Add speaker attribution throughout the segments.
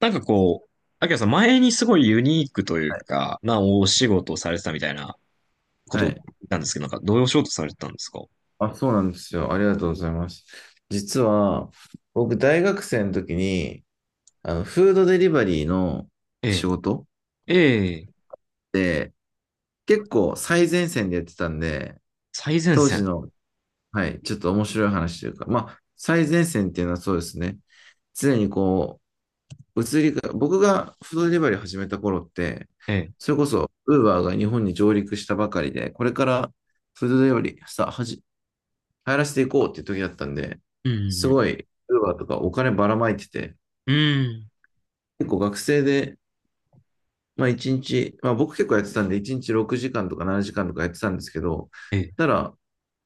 Speaker 1: なんかこう、あきらさん前にすごいユニークというか、なお仕事をされてたみたいなこと
Speaker 2: は
Speaker 1: を聞
Speaker 2: い。
Speaker 1: いたんですけど、なんかどういうお仕事されてたんですか？
Speaker 2: あ、そうなんですよ。ありがとうございます。実は、僕、大学生の時に、フードデリバリーの
Speaker 1: え
Speaker 2: 仕
Speaker 1: え、
Speaker 2: 事
Speaker 1: ええ、
Speaker 2: で、結構最前線でやってたんで、
Speaker 1: 最前
Speaker 2: 当時
Speaker 1: 線。
Speaker 2: の、はい、ちょっと面白い話というか、まあ、最前線っていうのはそうですね。常にこう、移りが、僕がフードデリバリーを始めた頃って、
Speaker 1: ええ、
Speaker 2: それこそ、ウーバーが日本に上陸したばかりで、これからフードデリバリーさ、はじ流行らせていこうっていう時だったんで、
Speaker 1: う
Speaker 2: す
Speaker 1: ん、
Speaker 2: ごい、ウーバーとかお金ばらまいてて、
Speaker 1: うん、うん、
Speaker 2: 結構学生で、まあ一日、まあ僕結構やってたんで、一日6時間とか7時間とかやってたんですけど、
Speaker 1: ええ、
Speaker 2: ただ、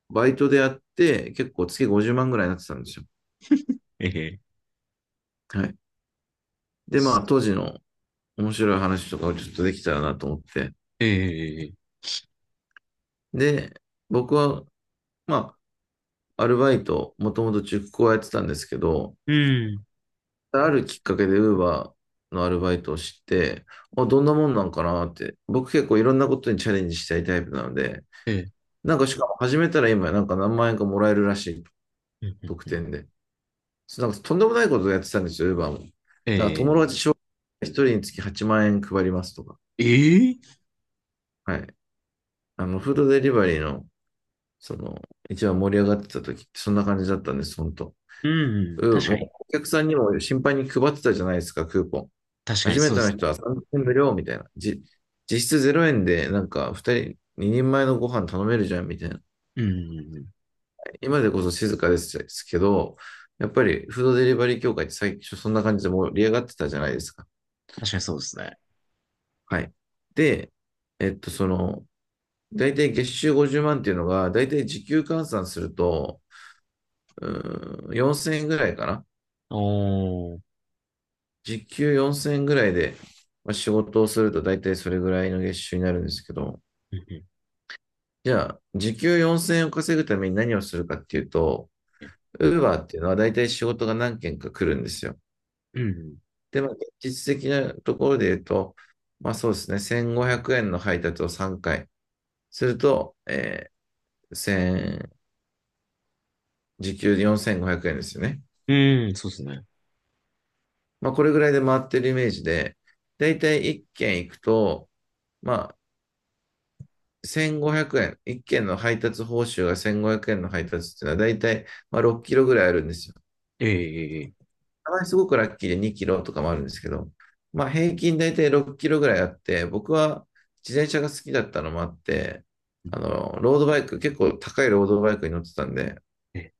Speaker 2: バイトでやって、結構月50万ぐらいになってたんですよ。
Speaker 1: ええ、
Speaker 2: はい。で、まあ
Speaker 1: す、
Speaker 2: 当時の面白い話とかをちょっとできたらなと思って。
Speaker 1: ええ、
Speaker 2: で、僕は、まアルバイト、もともと塾講やってたんですけど、
Speaker 1: うん、
Speaker 2: あるきっかけで Uber のアルバイトを知って、あ、どんなもんなんかなって、僕結構いろんなことにチャレンジしたいタイプなので、
Speaker 1: ええ、
Speaker 2: なんかしかも始めたら今なんか何万円かもらえるらしい、
Speaker 1: うん、
Speaker 2: 特
Speaker 1: うん、
Speaker 2: 典で。なんかとんでもないことをやってたんですよ、Uber も。
Speaker 1: え
Speaker 2: なんか友
Speaker 1: え、
Speaker 2: 達紹介1人につき8万円配りますとか。
Speaker 1: ええ、
Speaker 2: はい。フードデリバリーの、その、一番盛り上がってた時ってそんな感じだったんです、本当。
Speaker 1: うん、
Speaker 2: うん、
Speaker 1: 確か
Speaker 2: もう
Speaker 1: に。
Speaker 2: お客さんにも心配に配ってたじゃないですか、クーポン。
Speaker 1: 確かに
Speaker 2: 初め
Speaker 1: そう
Speaker 2: て
Speaker 1: で
Speaker 2: の
Speaker 1: す
Speaker 2: 人
Speaker 1: ね。
Speaker 2: は3000円無料みたいな。実質0円でなんか2人前のご飯頼めるじゃんみたいな。
Speaker 1: うん、うん、
Speaker 2: 今でこそ静かですけど、やっぱりフードデリバリー協会って最初そんな感じで盛り上がってたじゃないですか。
Speaker 1: 確かにそうですね。
Speaker 2: はい。で、えっと、その、大体月収50万っていうのが、大体時給換算すると、4000円ぐらいかな。
Speaker 1: おー、
Speaker 2: 時給4000円ぐらいで、まあ、仕事をすると大体それぐらいの月収になるんですけど、
Speaker 1: うん、
Speaker 2: じゃあ、時給4000円を稼ぐために何をするかっていうと、ウーバーっていうのは大体仕事が何件か来るんですよ。
Speaker 1: うん、
Speaker 2: で、まあ、実質的なところで言うと、まあそうですね、1500円の配達を3回すると、えー、1000時給4500円ですよね。
Speaker 1: うん、うん、そうですね。
Speaker 2: まあこれぐらいで回ってるイメージで、大体1件行くと、まあ1500円、1件の配達報酬が1500円の配達っていうのは大体まあ6キロぐらいあるんですよ。
Speaker 1: ええ、ええ、
Speaker 2: たまにすごくラッキーで2キロとかもあるんですけど、まあ平均大体6キロぐらいあって、僕は自転車が好きだったのもあって、ロードバイク、結構高いロードバイクに乗ってたんで、
Speaker 1: ええ、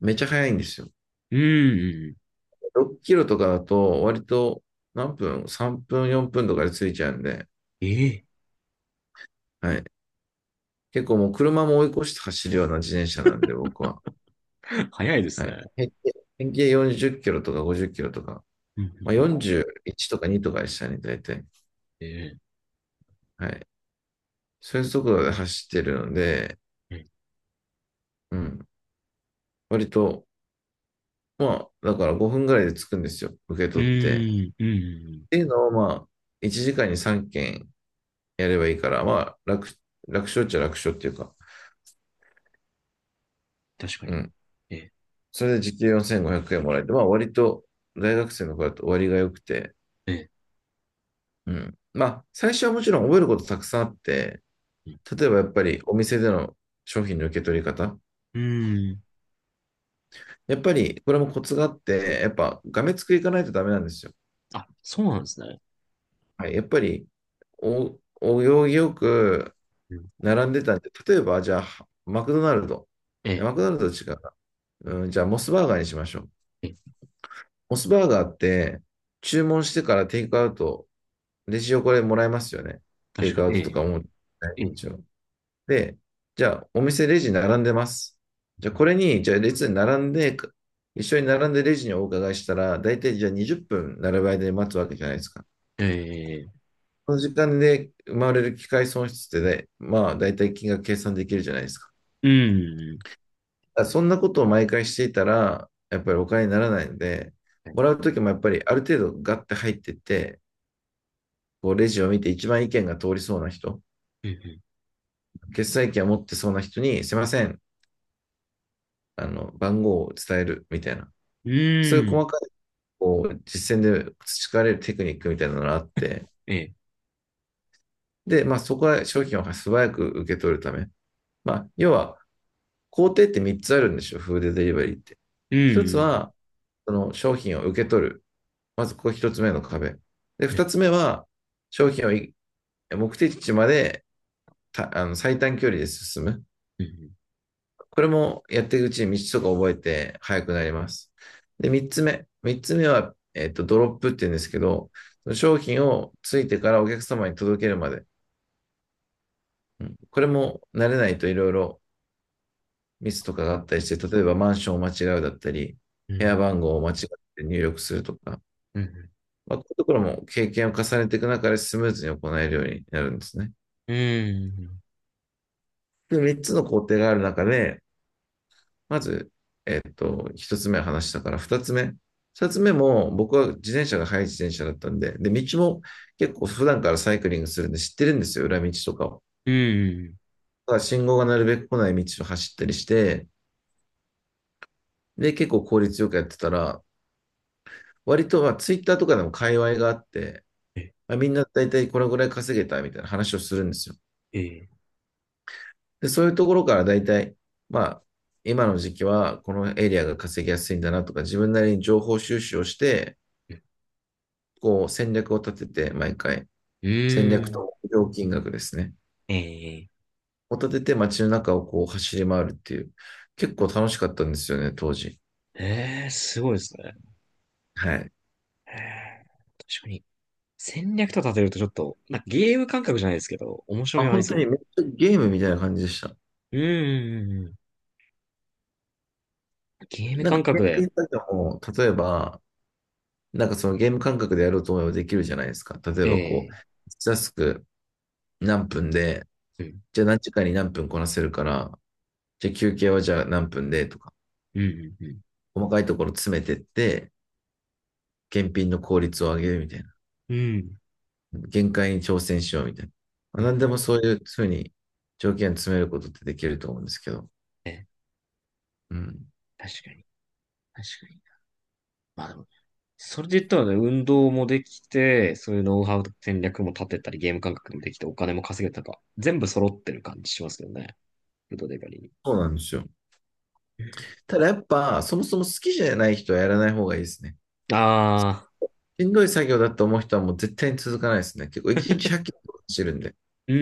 Speaker 2: めっちゃ速いんですよ。
Speaker 1: うん、うん、
Speaker 2: 6キロとかだと割と何分？ 3 分、4分とかで着いちゃうんで、
Speaker 1: ええ、
Speaker 2: はい。結構もう車も追い越して走るような自転車なんで、僕は。
Speaker 1: 早いです
Speaker 2: はい。
Speaker 1: ね。
Speaker 2: 平均40キロとか50キロとか、
Speaker 1: うん、う
Speaker 2: ま
Speaker 1: ん、
Speaker 2: あ、
Speaker 1: うん、
Speaker 2: 41とか2とかでしたね、大体。
Speaker 1: え
Speaker 2: はい。そういう速度で走ってるので、
Speaker 1: え、ええ、
Speaker 2: うん。割と、まあ、だから5分ぐらいで着くんですよ。受け
Speaker 1: う
Speaker 2: 取って。っ
Speaker 1: ーん、うん、うん、うん、
Speaker 2: ていうのを、まあ、1時間に3件やればいいから、まあ、楽勝っちゃ楽勝っていうか、
Speaker 1: 確か
Speaker 2: う
Speaker 1: に。
Speaker 2: ん。
Speaker 1: ええ、
Speaker 2: それで時給4500円もらえて、まあ、割と、大学生の子だと割が良くて、
Speaker 1: え
Speaker 2: うん。まあ、最初はもちろん覚えることたくさんあって、
Speaker 1: え、
Speaker 2: 例えばやっぱりお店での商品の受け取り方。
Speaker 1: うん、うーん。
Speaker 2: やっぱり、これもコツがあって、やっぱ、がめつくいかないとダメなんですよ。
Speaker 1: あ、そうなんですね。
Speaker 2: はい。やっぱり、お行儀よく、
Speaker 1: うん、
Speaker 2: 並んでたんで、例えば、じゃあ、マクドナルド。
Speaker 1: え
Speaker 2: いや
Speaker 1: え、
Speaker 2: マクドナルドと違うな。うん、じゃあ、モスバーガーにしましょう。
Speaker 1: ええ、
Speaker 2: モスバーガーって、注文してからテイクアウト、レジ横でもらえますよね。テ
Speaker 1: 確
Speaker 2: イ
Speaker 1: か
Speaker 2: クア
Speaker 1: に。
Speaker 2: ウ
Speaker 1: え
Speaker 2: トとか
Speaker 1: え、
Speaker 2: も。
Speaker 1: ええ、
Speaker 2: 一応で、じゃあ、お店レジ並んでます。じゃあ、列に並んで、一緒に並んでレジにお伺いしたら、大体じゃあ20分並ぶ間に待つわけじゃないですか。
Speaker 1: ええ、
Speaker 2: この時間で生まれる機会損失ってね、まあ、大体金額計算できるじゃないですか。
Speaker 1: うん、
Speaker 2: あそんなことを毎回していたら、やっぱりお金にならないので、
Speaker 1: はい、
Speaker 2: もらうときもやっぱりある程度ガッて入ってって、こうレジを見て一番意見が通りそうな人、
Speaker 1: うん、
Speaker 2: 決済権を持ってそうな人に、すいません、番号を伝えるみたいな。
Speaker 1: うん、
Speaker 2: そういう
Speaker 1: う
Speaker 2: 細
Speaker 1: ん、
Speaker 2: かい、実践で培われるテクニックみたいなのがあって、
Speaker 1: ええ、
Speaker 2: で、まあそこは商品を素早く受け取るため。まあ、要は、工程って3つあるんですよ、フードデリバリーって。
Speaker 1: う
Speaker 2: 1つ
Speaker 1: ん、
Speaker 2: は、その商品を受け取る。まずここ一つ目の壁。で、
Speaker 1: え
Speaker 2: 二つ
Speaker 1: え、
Speaker 2: 目は、商品を目的地までたあの最短距離で進む。
Speaker 1: うん、
Speaker 2: これもやっていくうちに道とか覚えて速くなります。で、三つ目。三つ目は、えっと、ドロップって言うんですけど、商品をついてからお客様に届けるまで。うん、これも慣れないといろいろミスとかがあったりして、例えばマンションを間違うだったり、
Speaker 1: う
Speaker 2: 部屋
Speaker 1: ん、
Speaker 2: 番号を間違って入力するとか、
Speaker 1: うん、うん、うん、
Speaker 2: まあ、こういうところも経験を重ねていく中でスムーズに行えるようになるんですね。
Speaker 1: ええ、
Speaker 2: で、3つの工程がある中で、まず、えっと、1つ目話したから、2つ目。2つ目も、僕は自転車が速い自転車だったんで、で、道も結構普段からサイクリングするんで知ってるんですよ、裏道とかを。だから信号がなるべく来ない道を走ったりして、で、結構効率よくやってたら、割と、まあ、ツイッターとかでも界隈があって、まあ、みんな大体これぐらい稼げたみたいな話をするんですよ。
Speaker 1: え
Speaker 2: で、そういうところからだいたいまあ、今の時期はこのエリアが稼ぎやすいんだなとか、自分なりに情報収集をして、
Speaker 1: え、
Speaker 2: こう戦略を立てて、毎回、
Speaker 1: う
Speaker 2: 戦略
Speaker 1: ん、
Speaker 2: と料金額ですね。
Speaker 1: ええ、
Speaker 2: を立てて街の中をこう走り回るっていう、結構楽しかったんですよね、当時。
Speaker 1: ええ、すごいですね。
Speaker 2: はい。
Speaker 1: ええ、確かに。戦略と立てるとちょっと、なんかゲーム感覚じゃないですけど、面白
Speaker 2: あ、
Speaker 1: みはあり
Speaker 2: 本当
Speaker 1: そ
Speaker 2: にめっちゃゲームみたいな感じでした。
Speaker 1: う。うん、うん、うん、うん。ゲーム
Speaker 2: なんか、
Speaker 1: 感覚
Speaker 2: 検
Speaker 1: で、
Speaker 2: 定作業も、例えば、なんかそのゲーム感覚でやろうと思えばできるじゃないですか。例えばこ
Speaker 1: え
Speaker 2: う、
Speaker 1: え、
Speaker 2: タスク何分で、
Speaker 1: うん、
Speaker 2: じゃあ何時間に何分こなせるから、じゃあ休憩はじゃあ何分でとか、
Speaker 1: うん、うん、うん。
Speaker 2: 細かいところ詰めてって、検品の効率を上げるみたいな。
Speaker 1: うん、
Speaker 2: 限界に挑戦しようみたいな。まあ、
Speaker 1: うん、
Speaker 2: 何でもそういうふうに条件詰めることってできると思うんですけど。
Speaker 1: ええ、
Speaker 2: うん。
Speaker 1: 確かに、確かに。まあでも、それで言ったらね、運動もできて、そういうノウハウと戦略も立てたり、ゲーム感覚もできて、お金も稼げたか、全部揃ってる感じしますよね。フードデリバリーに。
Speaker 2: そうなんですよ。ただやっぱ、そもそも好きじゃない人はやらない方がいいですね。
Speaker 1: ああ、
Speaker 2: しんどい作業だと思う人はもう絶対に続かないですね。結構1日100キロ走るんで。
Speaker 1: うん、う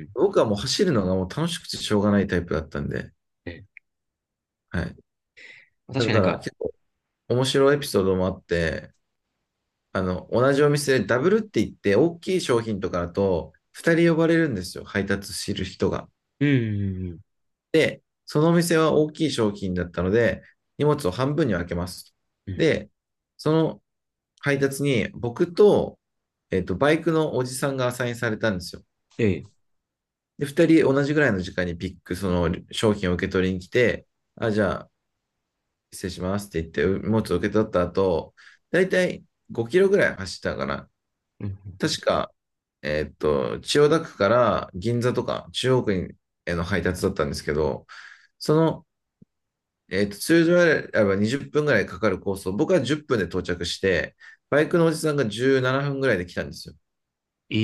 Speaker 1: ん、うん。
Speaker 2: 僕はもう走るのがもう楽しくてしょうがないタイプだったんで。
Speaker 1: ええ、
Speaker 2: はい。
Speaker 1: 確
Speaker 2: だ
Speaker 1: かにな
Speaker 2: か
Speaker 1: ん
Speaker 2: ら
Speaker 1: か、
Speaker 2: 結構面白いエピソードもあって、同じお店でダブルって言って、大きい商品とかだと、二人呼ばれるんですよ、配達する人が。
Speaker 1: うん、うん、うん。
Speaker 2: で、そのお店は大きい商品だったので、荷物を半分に分けます。
Speaker 1: うん、
Speaker 2: で、その配達に僕と、えっと、バイクのおじさんがアサインされたんですよ。
Speaker 1: ええ、
Speaker 2: で、二人同じぐらいの時間にピック、その商品を受け取りに来て、あ、じゃあ、失礼しますって言って、荷物を受け取った後、だいたい5キロぐらい走ったかな。
Speaker 1: うん、
Speaker 2: 確かえーっと、千代田区から銀座とか中央区への配達だったんですけど、その、通常であれば20分ぐらいかかるコースを僕は10分で到着して、バイクのおじさんが17分ぐらいで来たんですよ。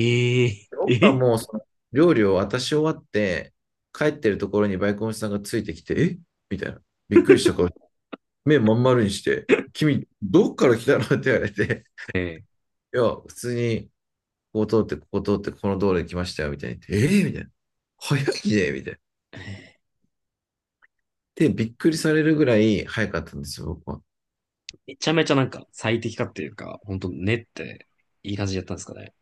Speaker 1: ええ、
Speaker 2: で僕
Speaker 1: え
Speaker 2: は
Speaker 1: え、
Speaker 2: もうその料理を渡し終わって、帰ってるところにバイクのおじさんがついてきて、えみたいな。びっくりした顔、目まん丸にして、君、どっから来たのって言われて、
Speaker 1: ええ、
Speaker 2: いや、普通にここ通って、ここ通って、この道路に来ましたよ、みたいに言って。ええーみたいな。早いねみたいな。で、びっくりされるぐらい早かったんですよ、僕は。
Speaker 1: めちゃめちゃなんか最適化っていうか、ほんと練っていい感じでやったんですかね。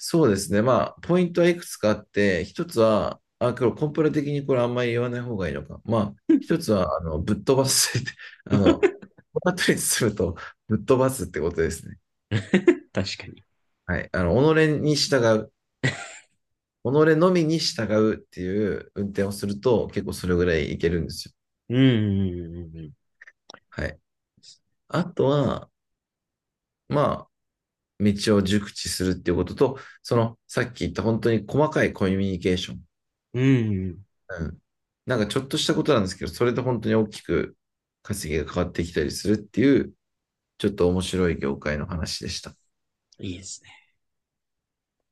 Speaker 2: そうですね。まあ、ポイントはいくつかあって、一つは、あ、これコンプラ的にこれあんまり言わない方がいいのか。まあ、一つは、ぶっ飛ばすって、あの、このっりすると、ぶっ飛ばすってことですね。
Speaker 1: 確かに。
Speaker 2: はい。あの、己に従う。己のみに従うっていう運転をすると、結構それぐらいいけるんですよ。
Speaker 1: うん、うん、
Speaker 2: はい。あとは、まあ、道を熟知するっていうことと、そのさっき言った本当に細かいコミュニケーション。
Speaker 1: うん、うん。うん、
Speaker 2: うん。なんかちょっとしたことなんですけど、それで本当に大きく稼ぎが変わってきたりするっていう、ちょっと面白い業界の話でした。
Speaker 1: うん、いいですね。